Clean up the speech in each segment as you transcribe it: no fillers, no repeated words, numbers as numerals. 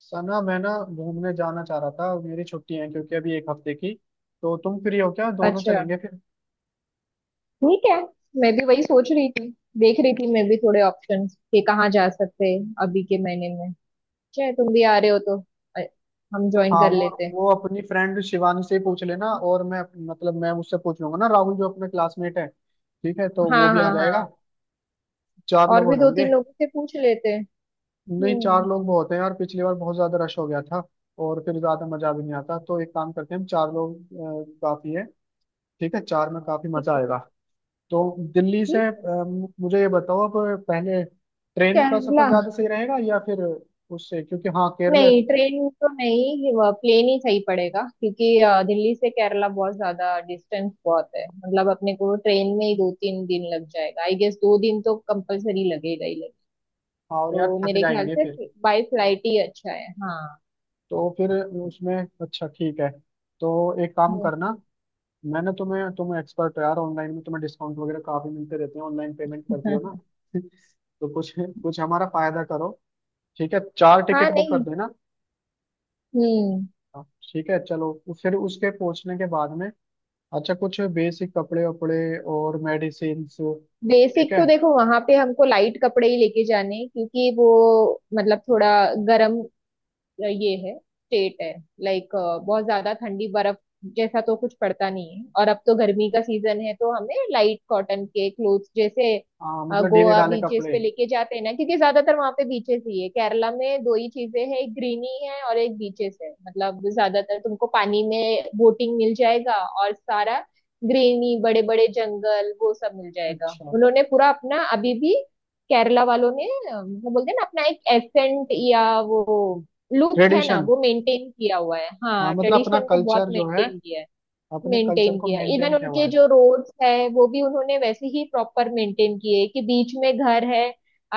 सना, मैं ना घूमने जाना चाह रहा था। मेरी छुट्टी है, क्योंकि अभी 1 हफ्ते की। तो तुम फ्री हो क्या? दोनों अच्छा, चलेंगे फिर। ठीक है। मैं भी वही सोच रही थी, देख रही थी। मैं भी थोड़े ऑप्शंस कि कहाँ जा सकते हैं अभी के महीने में। चाहे तुम भी आ रहे हो तो अ, हम ज्वाइन हाँ कर वो लेते हैं। वो अपनी फ्रेंड शिवानी से ही पूछ लेना। और मैं, मतलब मैं उससे पूछ लूंगा ना, राहुल जो अपना क्लासमेट है। ठीक है, तो हाँ वो भी आ हाँ जाएगा। हाँ, चार और लोग हो भी दो जाएंगे। तीन लोगों से पूछ लेते हैं। नहीं, चार हम्म। लोग बहुत हैं यार, पिछली बार बहुत ज्यादा रश हो गया था। और फिर ज्यादा मजा भी नहीं आता, तो एक काम करते हैं हम 4 लोग काफी है। ठीक है, 4 में काफी ठीक मजा है। आएगा। तो दिल्ली ठीक से है। मुझे ये बताओ अब, पहले ट्रेन का केरला। सफर ज्यादा सही रहेगा या फिर उससे, क्योंकि हाँ केरल। नहीं, ट्रेन तो नहीं, प्लेन ही सही पड़ेगा क्योंकि दिल्ली से केरला बहुत ज्यादा डिस्टेंस बहुत है। मतलब अपने को ट्रेन में ही 2 3 दिन लग जाएगा, आई गेस। 2 दिन तो कंपलसरी लगेगा ही। हाँ, और यार तो थक मेरे ख्याल जाएंगे से फिर। बाई फ्लाइट ही अच्छा है। हाँ। तो फिर उसमें, अच्छा ठीक है। तो एक काम हम्म। करना, मैंने तुम्हें, तुम एक्सपर्ट हो यार ऑनलाइन में, तुम्हें डिस्काउंट वगैरह काफी मिलते रहते हैं। ऑनलाइन पेमेंट करती हो ना तो कुछ कुछ हमारा फायदा करो। ठीक है, चार हाँ, टिकट बुक कर नहीं। देना। हम्म। हाँ, ठीक है चलो। फिर उसके पहुंचने के बाद में, अच्छा कुछ बेसिक कपड़े वपड़े और मेडिसिन। ठीक बेसिक तो है। देखो, वहां पे हमको लाइट कपड़े ही लेके जाने हैं, क्योंकि वो मतलब थोड़ा गर्म ये है, स्टेट है। लाइक बहुत ज्यादा ठंडी बर्फ जैसा तो कुछ पड़ता नहीं है, और अब तो गर्मी का सीजन है, तो हमें लाइट कॉटन के क्लोथ्स जैसे हाँ, मतलब ढीले गोवा ढाले बीचेस कपड़े। पे लेके जाते हैं ना, क्योंकि ज्यादातर वहां पे बीचेस ही है। केरला में दो ही चीजें हैं, एक ग्रीनी है और एक बीचेस है। मतलब ज्यादातर तुमको पानी में बोटिंग मिल जाएगा, और सारा ग्रीनी, बड़े बड़े जंगल वो सब मिल जाएगा। अच्छा उन्होंने पूरा अपना अभी भी केरला वालों ने मतलब बोलते हैं ना अपना एक एसेंट या वो लुक है ना, ट्रेडिशन। वो मेंटेन किया हुआ है। हाँ, हाँ मतलब अपना ट्रेडिशन को बहुत कल्चर जो है, मेंटेन किया है, अपने कल्चर मेंटेन को किया। इवन मेंटेन किया उनके हुआ है। जो रोड्स है, वो भी उन्होंने वैसे ही प्रॉपर मेंटेन किए, कि बीच में घर है,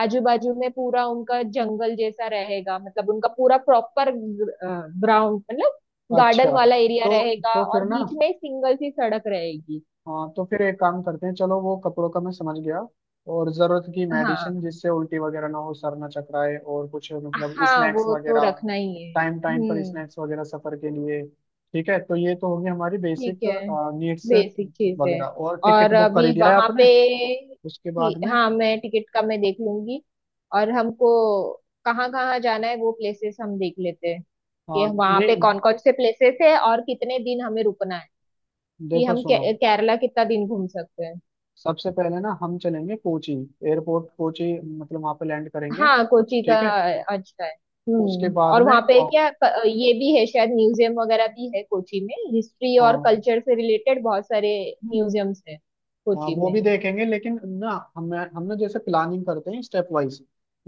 आजू बाजू में पूरा उनका जंगल जैसा रहेगा। मतलब उनका पूरा प्रॉपर ग्राउंड, मतलब गार्डन अच्छा। वाला एरिया तो, रहेगा, तो और फिर ना बीच में एक सिंगल सी सड़क रहेगी। हाँ तो फिर एक काम करते हैं। चलो, वो कपड़ों का मैं समझ गया। और जरूरत की हाँ मेडिसिन, जिससे उल्टी वगैरह ना हो, सर ना चकराए, और कुछ मतलब हाँ, स्नैक्स वो तो वगैरह। रखना ही है। टाइम टाइम पर हम्म। स्नैक्स वगैरह सफर के लिए। ठीक है, तो ये तो होगी हमारी ठीक बेसिक है, नीड्स बेसिक चीजें। वगैरह। और टिकट और बुक कर अभी ही दिया है वहां पे आपने। उसके बाद में, हाँ, मैं टिकट का मैं देख लूंगी। और हमको कहाँ कहाँ जाना है वो प्लेसेस हम देख लेते हैं, हाँ कि वहां पे नहीं, कौन कौन से प्लेसेस है, और कितने दिन हमें रुकना है, कि देखो सुनो, केरला कितना दिन घूम सकते हैं। सबसे पहले ना हम चलेंगे कोची। एयरपोर्ट कोची, मतलब वहां पे लैंड करेंगे। हाँ कोची का ठीक है। अच्छा है। उसके हम्म। बाद और में वहां पे क्या ये भी है शायद। म्यूजियम वगैरह भी है कोची में, हिस्ट्री और हाँ कल्चर से रिलेटेड बहुत सारे म्यूजियम्स है हाँ कोची वो में। भी देखेंगे लेकिन ना, हम ना जैसे प्लानिंग करते हैं स्टेप वाइज।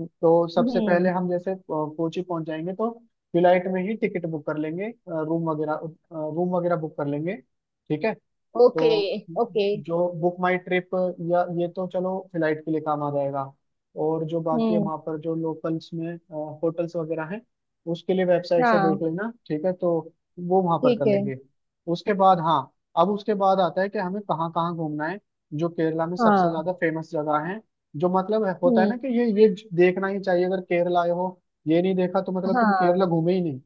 तो सबसे पहले हम्म। हम जैसे कोची पहुंच जाएंगे, तो फ्लाइट में ही टिकट बुक कर लेंगे। रूम वगैरह, रूम वगैरह बुक कर लेंगे। ठीक है। तो ओके। ओके। जो बुक माई ट्रिप या ये, तो चलो फ्लाइट के लिए काम आ जाएगा। और जो बाकी है हम्म। वहाँ पर, जो लोकल्स में होटल्स वगैरह हैं, उसके लिए वेबसाइट से देख हाँ लेना। ठीक है, तो वो वहाँ पर ठीक कर है। लेंगे। उसके बाद, हाँ अब उसके बाद आता है कि हमें कहाँ कहाँ घूमना है। जो केरला में सबसे हाँ। ज्यादा फेमस जगह है, जो मतलब है- होता है हम्म। ना कि ये देखना ही चाहिए अगर केरला आए हो। ये नहीं देखा तो मतलब तुम केरला हाँ। घूमे ही नहीं।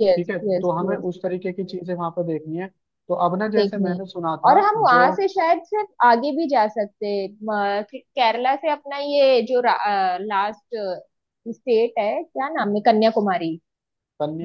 यस ठीक है, यस तो हमें यस, उस तरीके की चीजें वहां पर देखनी है। तो अब ना, जैसे देखनी है। मैंने सुना और था, हम जो वहां से शायद सिर्फ आगे भी जा सकते हैं। केरला से अपना ये जो लास्ट स्टेट है, क्या नाम है, कन्याकुमारी,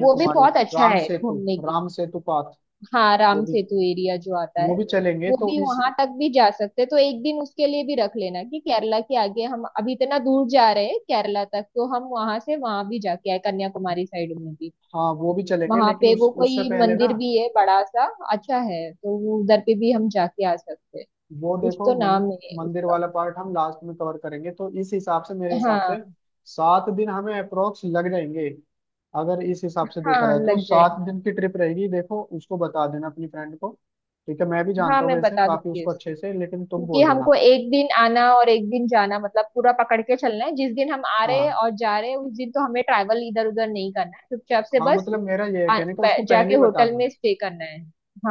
वो भी बहुत अच्छा राम है सेतु, घूमने के लिए। राम सेतु पाथ, हाँ वो राम भी, सेतु एरिया जो आता वो है, भी चलेंगे वो तो भी, इस, वहां तक भी जा सकते हैं। तो एक दिन उसके लिए भी रख लेना, कि केरला के आगे हम अभी इतना दूर जा रहे हैं। केरला तक तो हम वहां से वहां भी जाके आए, कन्याकुमारी साइड में भी। हाँ वो भी चलेंगे। वहां लेकिन पे उस वो उससे कोई पहले ना, मंदिर भी है बड़ा सा, अच्छा है, तो वो उधर पे भी हम जाके आ सकते हैं। वो कुछ देखो तो मन, नाम है मंदिर उसका। वाला पार्ट हम लास्ट में कवर करेंगे। तो इस हिसाब से, मेरे हिसाब से हाँ सात दिन हमें अप्रोक्स लग जाएंगे। अगर इस हिसाब से देखा हाँ, रहे तो लग सात जाएंगे। दिन की ट्रिप रहेगी। देखो उसको बता देना अपनी फ्रेंड को। ठीक है, मैं भी हाँ जानता हूँ मैं वैसे बता काफी दूंगी, उसको अच्छे से, लेकिन तुम क्योंकि बोल हमको देना। एक दिन आना और एक दिन जाना मतलब पूरा पकड़ के चलना है। जिस दिन हम आ रहे हैं हाँ और जा रहे हैं उस दिन तो हमें ट्रैवल इधर उधर नहीं करना है, चुपचाप से हाँ, बस मतलब मेरा ये है कहने का, उसको जाके पहले ही बता होटल में देना। स्टे करना है।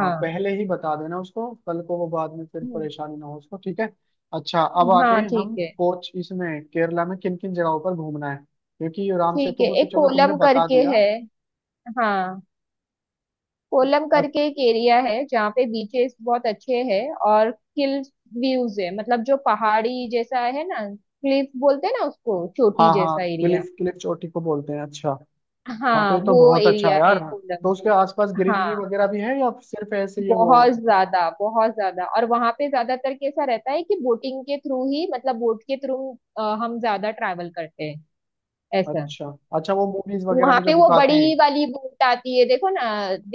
हाँ पहले ही बता देना उसको, कल को वो बाद में फिर हम्म। परेशानी ना हो उसको। ठीक है। अच्छा अब आते हाँ हैं ठीक हम, है। कोच इसमें, केरला में किन किन जगहों पर घूमना है, क्योंकि राम ठीक सेतु है, को तो एक चलो तुमने कोलम बता करके दिया। है। हाँ, कोलम और- करके एक एरिया है जहाँ पे बीचेस बहुत अच्छे हैं, और हिल व्यूज है, मतलब जो पहाड़ी जैसा है ना, क्लिफ बोलते हैं ना उसको, चोटी हाँ हाँ, जैसा एरिया। क्लिफ, क्लिफ चोटी को बोलते हैं, अच्छा। हाँ, तो हाँ ये तो वो बहुत अच्छा एरिया है है यार। कोलम तो में। उसके आसपास ग्रीनरी हाँ वगैरह भी है, या सिर्फ ऐसे ही है वो? बहुत ज्यादा, बहुत ज्यादा। और वहां पे ज्यादातर कैसा रहता है, कि बोटिंग के थ्रू ही, मतलब बोट के थ्रू हम ज्यादा ट्रैवल करते हैं, ऐसा। अच्छा, अच्छा वो मूवीज वगैरह वहां में जो पे वो दिखाते हैं, बड़ी वाली बोट आती है, देखो ना,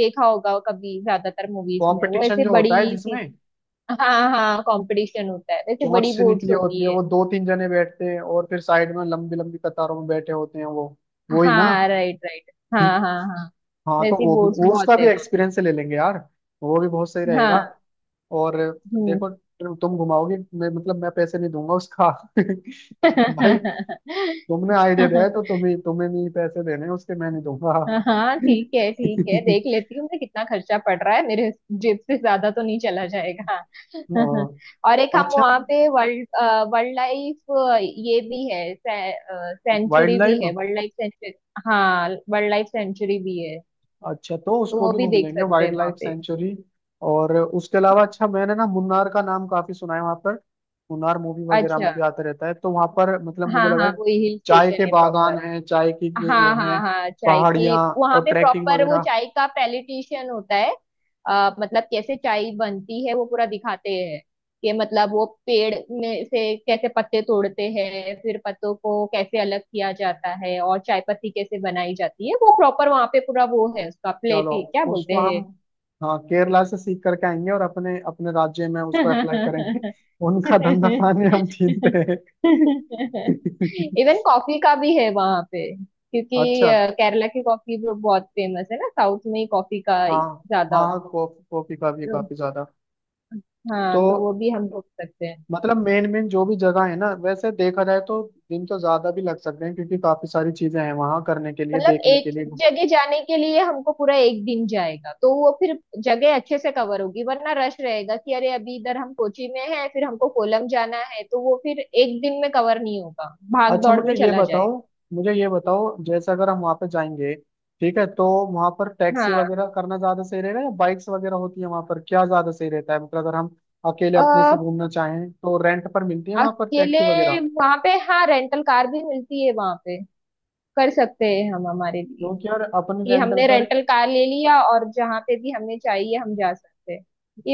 देखा होगा कभी ज्यादातर मूवीज में, वो कॉम्पिटिशन ऐसे जो बड़ी होता है, सी। जिसमें हाँ हाँ, कंपटीशन होता है, वैसे चोंच बड़ी से निकली बोट्स होती है, होती है। वो 2-3 जने बैठते हैं और फिर साइड में लंबी लंबी कतारों में बैठे होते हैं वो ही ना। हाँ राइट राइट, हाँ हाँ हाँ। हाँ, तो वैसी वो भी, बोट्स वो बहुत उसका भी है एक्सपीरियंस ले लेंगे यार। वो भी बहुत सही वहाँ, रहेगा। हाँ। और हम्म। देखो, तुम घुमाओगी, मैं मतलब मैं पैसे नहीं दूंगा उसका भाई, तुमने आइडिया दिया है तो तुम्हें, तुम्हें नहीं, पैसे देने हैं उसके, मैं नहीं दूंगा हाँ हाँ, ठीक है ठीक है, देख लेती हूँ मैं कितना खर्चा पड़ रहा है, मेरे जेब से ज्यादा तो नहीं चला जाएगा। हाँ, और एक हम अच्छा वहाँ पे वर्ल्ड, वर्ल्ड लाइफ ये भी है, वाइल्ड सेंचुरी भी लाइफ। है, वर्ल्ड लाइफ सेंचुरी। हाँ वर्ल्ड लाइफ सेंचुरी भी है, अच्छा, तो तो उसको वो भी भी घूम देख लेंगे, सकते वाइल्ड हैं वहाँ लाइफ पे। सेंचुरी। और उसके अलावा, अच्छा मैंने ना मुन्नार का नाम काफी सुना है, वहां पर मुन्नार मूवी वगैरह में अच्छा। भी आता रहता है। तो वहां पर, मतलब मुझे हाँ लगा हाँ, है वो हिल चाय के स्टेशन है प्रॉपर। बागान हैं, चाय की ये वो हाँ हाँ हैं, हाँ, चाय की पहाड़ियाँ, वहां और पे ट्रैकिंग प्रॉपर वो वगैरह। चाय का पैलिटिशियन होता है। मतलब कैसे चाय बनती है वो पूरा दिखाते हैं, कि मतलब वो पेड़ में से कैसे पत्ते तोड़ते हैं, फिर पत्तों को कैसे अलग किया जाता है, और चाय पत्ती कैसे बनाई जाती है। वो प्रॉपर वहां पे पूरा वो है, उसका चलो, प्लेटी क्या उसको बोलते हम, हाँ केरला से सीख करके आएंगे और अपने अपने राज्य में उसको अप्लाई करेंगे हैं। उनका धंधा पानी हम छीनते हैं इवन कॉफी का भी है वहां पे, क्योंकि अच्छा, केरला की कॉफी भी बहुत फेमस है ना, साउथ में ही कॉफी का हाँ ज्यादा होता हाँ, कॉफी, कॉफी का भी है काफी ज्यादा। हाँ, तो तो वो भी हम रुक सकते हैं। मतलब मेन मेन जो भी जगह है ना, वैसे देखा जाए तो दिन तो ज्यादा भी लग सकते हैं, क्योंकि काफी सारी चीजें हैं वहां करने के लिए, मतलब देखने एक के लिए। जगह जाने के लिए हमको पूरा एक दिन जाएगा, तो वो फिर जगह अच्छे से कवर होगी। वरना रश रहेगा कि अरे अभी इधर हम कोची में हैं, फिर हमको कोलम जाना है, तो वो फिर एक दिन में कवर नहीं होगा, भाग अच्छा दौड़ मुझे में ये चला जाएगा। बताओ, मुझे ये बताओ, जैसे अगर हम वहां पे जाएंगे, ठीक है, तो वहां पर टैक्सी वगैरह करना ज्यादा सही रहेगा या बाइक्स वगैरह होती है वहां पर? क्या ज्यादा सही रहता है, मतलब अगर हम अकेले अपने से हाँ, घूमना चाहें, तो रेंट पर मिलती है वहां पर अकेले टैक्सी वगैरह? वहां पे हाँ, रेंटल कार भी मिलती है वहां पे, कर सकते हैं हम हमारे लिए। क्योंकि यार अपने, कि रेंटल हमने कार रेंटल कार ले लिया और जहाँ पे भी हमें चाहिए हम जा सकते हैं।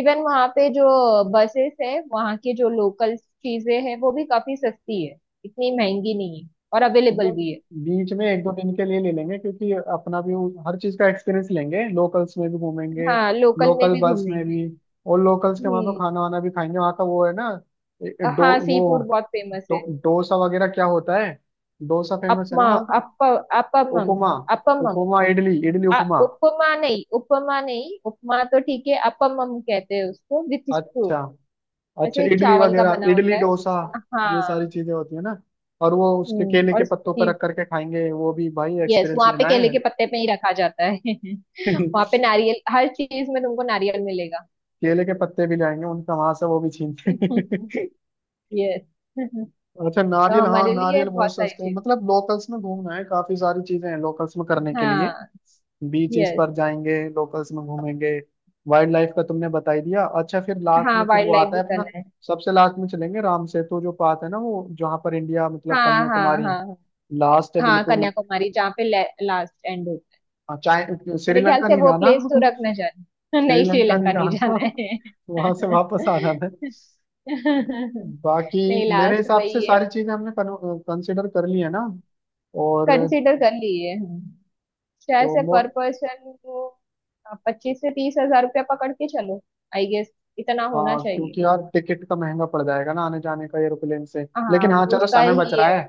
इवन वहां पे जो बसेस है वहां के, जो लोकल चीजें हैं वो भी काफी सस्ती है, इतनी महंगी नहीं है, और अवेलेबल मतलब भी है। बीच में 1-2 दिन के लिए ले लेंगे, क्योंकि अपना भी वो हर चीज का एक्सपीरियंस लेंगे, लोकल्स में भी घूमेंगे, हाँ लोकल में लोकल भी बस में भी। घूमेंगे। और लोकल्स के वहाँ पे हम्म। खाना वाना भी खाएंगे, वहाँ का वो है ना, ए- ए- डो हाँ, सी फूड वो बहुत फेमस है। डोसा वगैरह क्या होता है। डोसा फेमस है ना अपमा, वहाँ का, अप, अपमम, उपमा, अपमम, उपमा इडली, इडली उपमा। उपमा नहीं, उपमा नहीं, उपमा तो ठीक है, अपम हम कहते हैं उसको, विथ स्टू। अच्छा, अच्छा ऐसे इडली चावल का वगैरह, बना इडली होता है। डोसा, ये सारी हाँ। चीजें होती है ना। और वो उसके हम्म। केले के और पत्तों पर रख करके खाएंगे, वो भी भाई यस, एक्सपीरियंस वहां पे लेना केले है के पत्ते पे ही रखा जाता है। वहां पे नारियल, हर चीज में तुमको नारियल मिलेगा। केले के पत्ते भी लाएंगे उनका वहां से, वो भी छीन के यस। अच्छा तो नारियल, हाँ हमारे लिए नारियल बहुत बहुत सारी सस्ते हैं। चीज, मतलब लोकल्स में घूमना है, काफी सारी चीजें हैं लोकल्स में करने के लिए। हाँ। Beaches yes. पर जाएंगे, लोकल्स में घूमेंगे, वाइल्ड लाइफ का तुमने बता ही दिया। अच्छा फिर लास्ट हाँ में फिर वाइल्ड वो लाइफ आता भी है अपना, करना है। सबसे लास्ट में चलेंगे राम सेतु जो पास है ना, वो जहाँ पर इंडिया मतलब, हाँ हाँ कन्याकुमारी हाँ हाँ। लास्ट है हाँ, बिल्कुल। कन्याकुमारी जहाँ पे लास्ट एंड होता है। हाँ, चाहे मेरे ख्याल श्रीलंका से नहीं वो जाना प्लेस तो रख ना जाना। नहीं, श्रीलंका नहीं श्रीलंका नहीं जाना, जाना है। वहां से वापस आ जाना है। बाकी नहीं, मेरे लास्ट हिसाब से वही है। सारी चीजें हमने कंसिडर कर ली है ना। और कंसिडर कर लिए हम। शायद तो से मो, पर पर्सन 25 से 30 हज़ार रुपया पकड़ के चलो, आई गेस, इतना होना हाँ चाहिए। क्योंकि यार टिकट का महंगा पड़ जाएगा ना आने जाने का, एरोप्लेन से। हाँ लेकिन हाँ, चलो उसका समय बच ही, रहा है,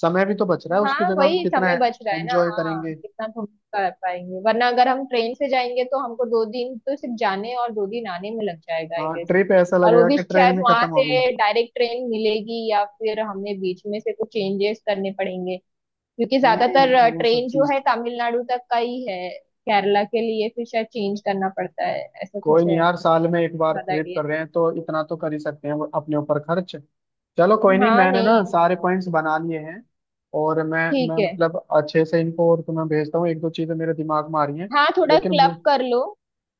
समय भी तो बच रहा है। उसकी हाँ जगह हम वही कितना समय बच रहा है ना। एंजॉय हाँ करेंगे। कितना हम कर पाएंगे, वरना अगर हम ट्रेन से जाएंगे तो हमको 2 दिन तो सिर्फ जाने और 2 दिन आने में लग जाएगा, आई हाँ गेस। ट्रिप ऐसा और वो लगेगा भी कि ट्रेन शायद भी वहां खत्म हो गई। से डायरेक्ट ट्रेन मिलेगी या फिर हमें बीच में से कुछ चेंजेस करने पड़ेंगे, क्योंकि नहीं ज्यादातर नहीं, वो सब ट्रेन जो चीज, है तमिलनाडु तक का ही है, केरला के लिए फिर शायद चेंज करना पड़ता है, ऐसा कोई कुछ नहीं है। यार, साल में 1 बार ज्यादा ट्रिप आइडिया कर रहे हैं, तो इतना तो कर ही सकते हैं अपने ऊपर खर्च। चलो कोई नहीं। नहीं, हाँ मैंने नहीं, ना सारे पॉइंट्स बना लिए हैं। और मैं ठीक है। मतलब अच्छे से इनको, और तुम्हें भेजता हूँ, 1-2 चीजें मेरे दिमाग में आ रही हैं। हाँ थोड़ा लेकिन क्लब मु-, कर लो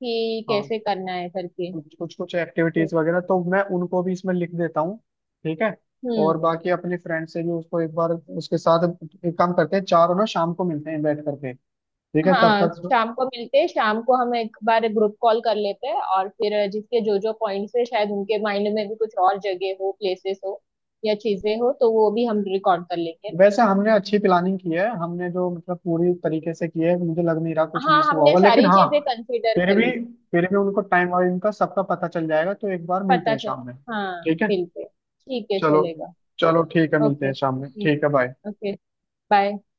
कि हाँ कैसे करना है करके। कुछ कुछ कुछ एक्टिविटीज वगैरह तो मैं उनको भी इसमें लिख देता हूँ। ठीक है, और हम्म। बाकी अपने फ्रेंड से भी उसको 1 बार, उसके साथ एक काम करते हैं, चारों ना शाम को मिलते हैं बैठ करके। ठीक है, तब हाँ तक, शाम को मिलते हैं, शाम को हम एक बार ग्रुप कॉल कर लेते हैं, और फिर जिसके जो जो पॉइंट्स है, शायद उनके माइंड में भी कुछ और जगह हो, प्लेसेस हो या चीजें हो, तो वो भी हम रिकॉर्ड कर लेंगे। वैसे हमने अच्छी प्लानिंग की है, हमने जो मतलब पूरी तरीके से की है, मुझे लग नहीं रहा कुछ हाँ मिस हुआ हमने होगा। लेकिन सारी हाँ, चीजें कंसिडर फिर भी, करी है। फिर भी उनको टाइम और इनका सबका पता चल जाएगा। तो 1 बार मिलते पता हैं चल। शाम में, हाँ ठीक है। बिल्कुल ठीक है, चलो, चलेगा। चलो ठीक है, मिलते ओके, हैं शाम में, ठीक है बाय। Hmm, okay, bye.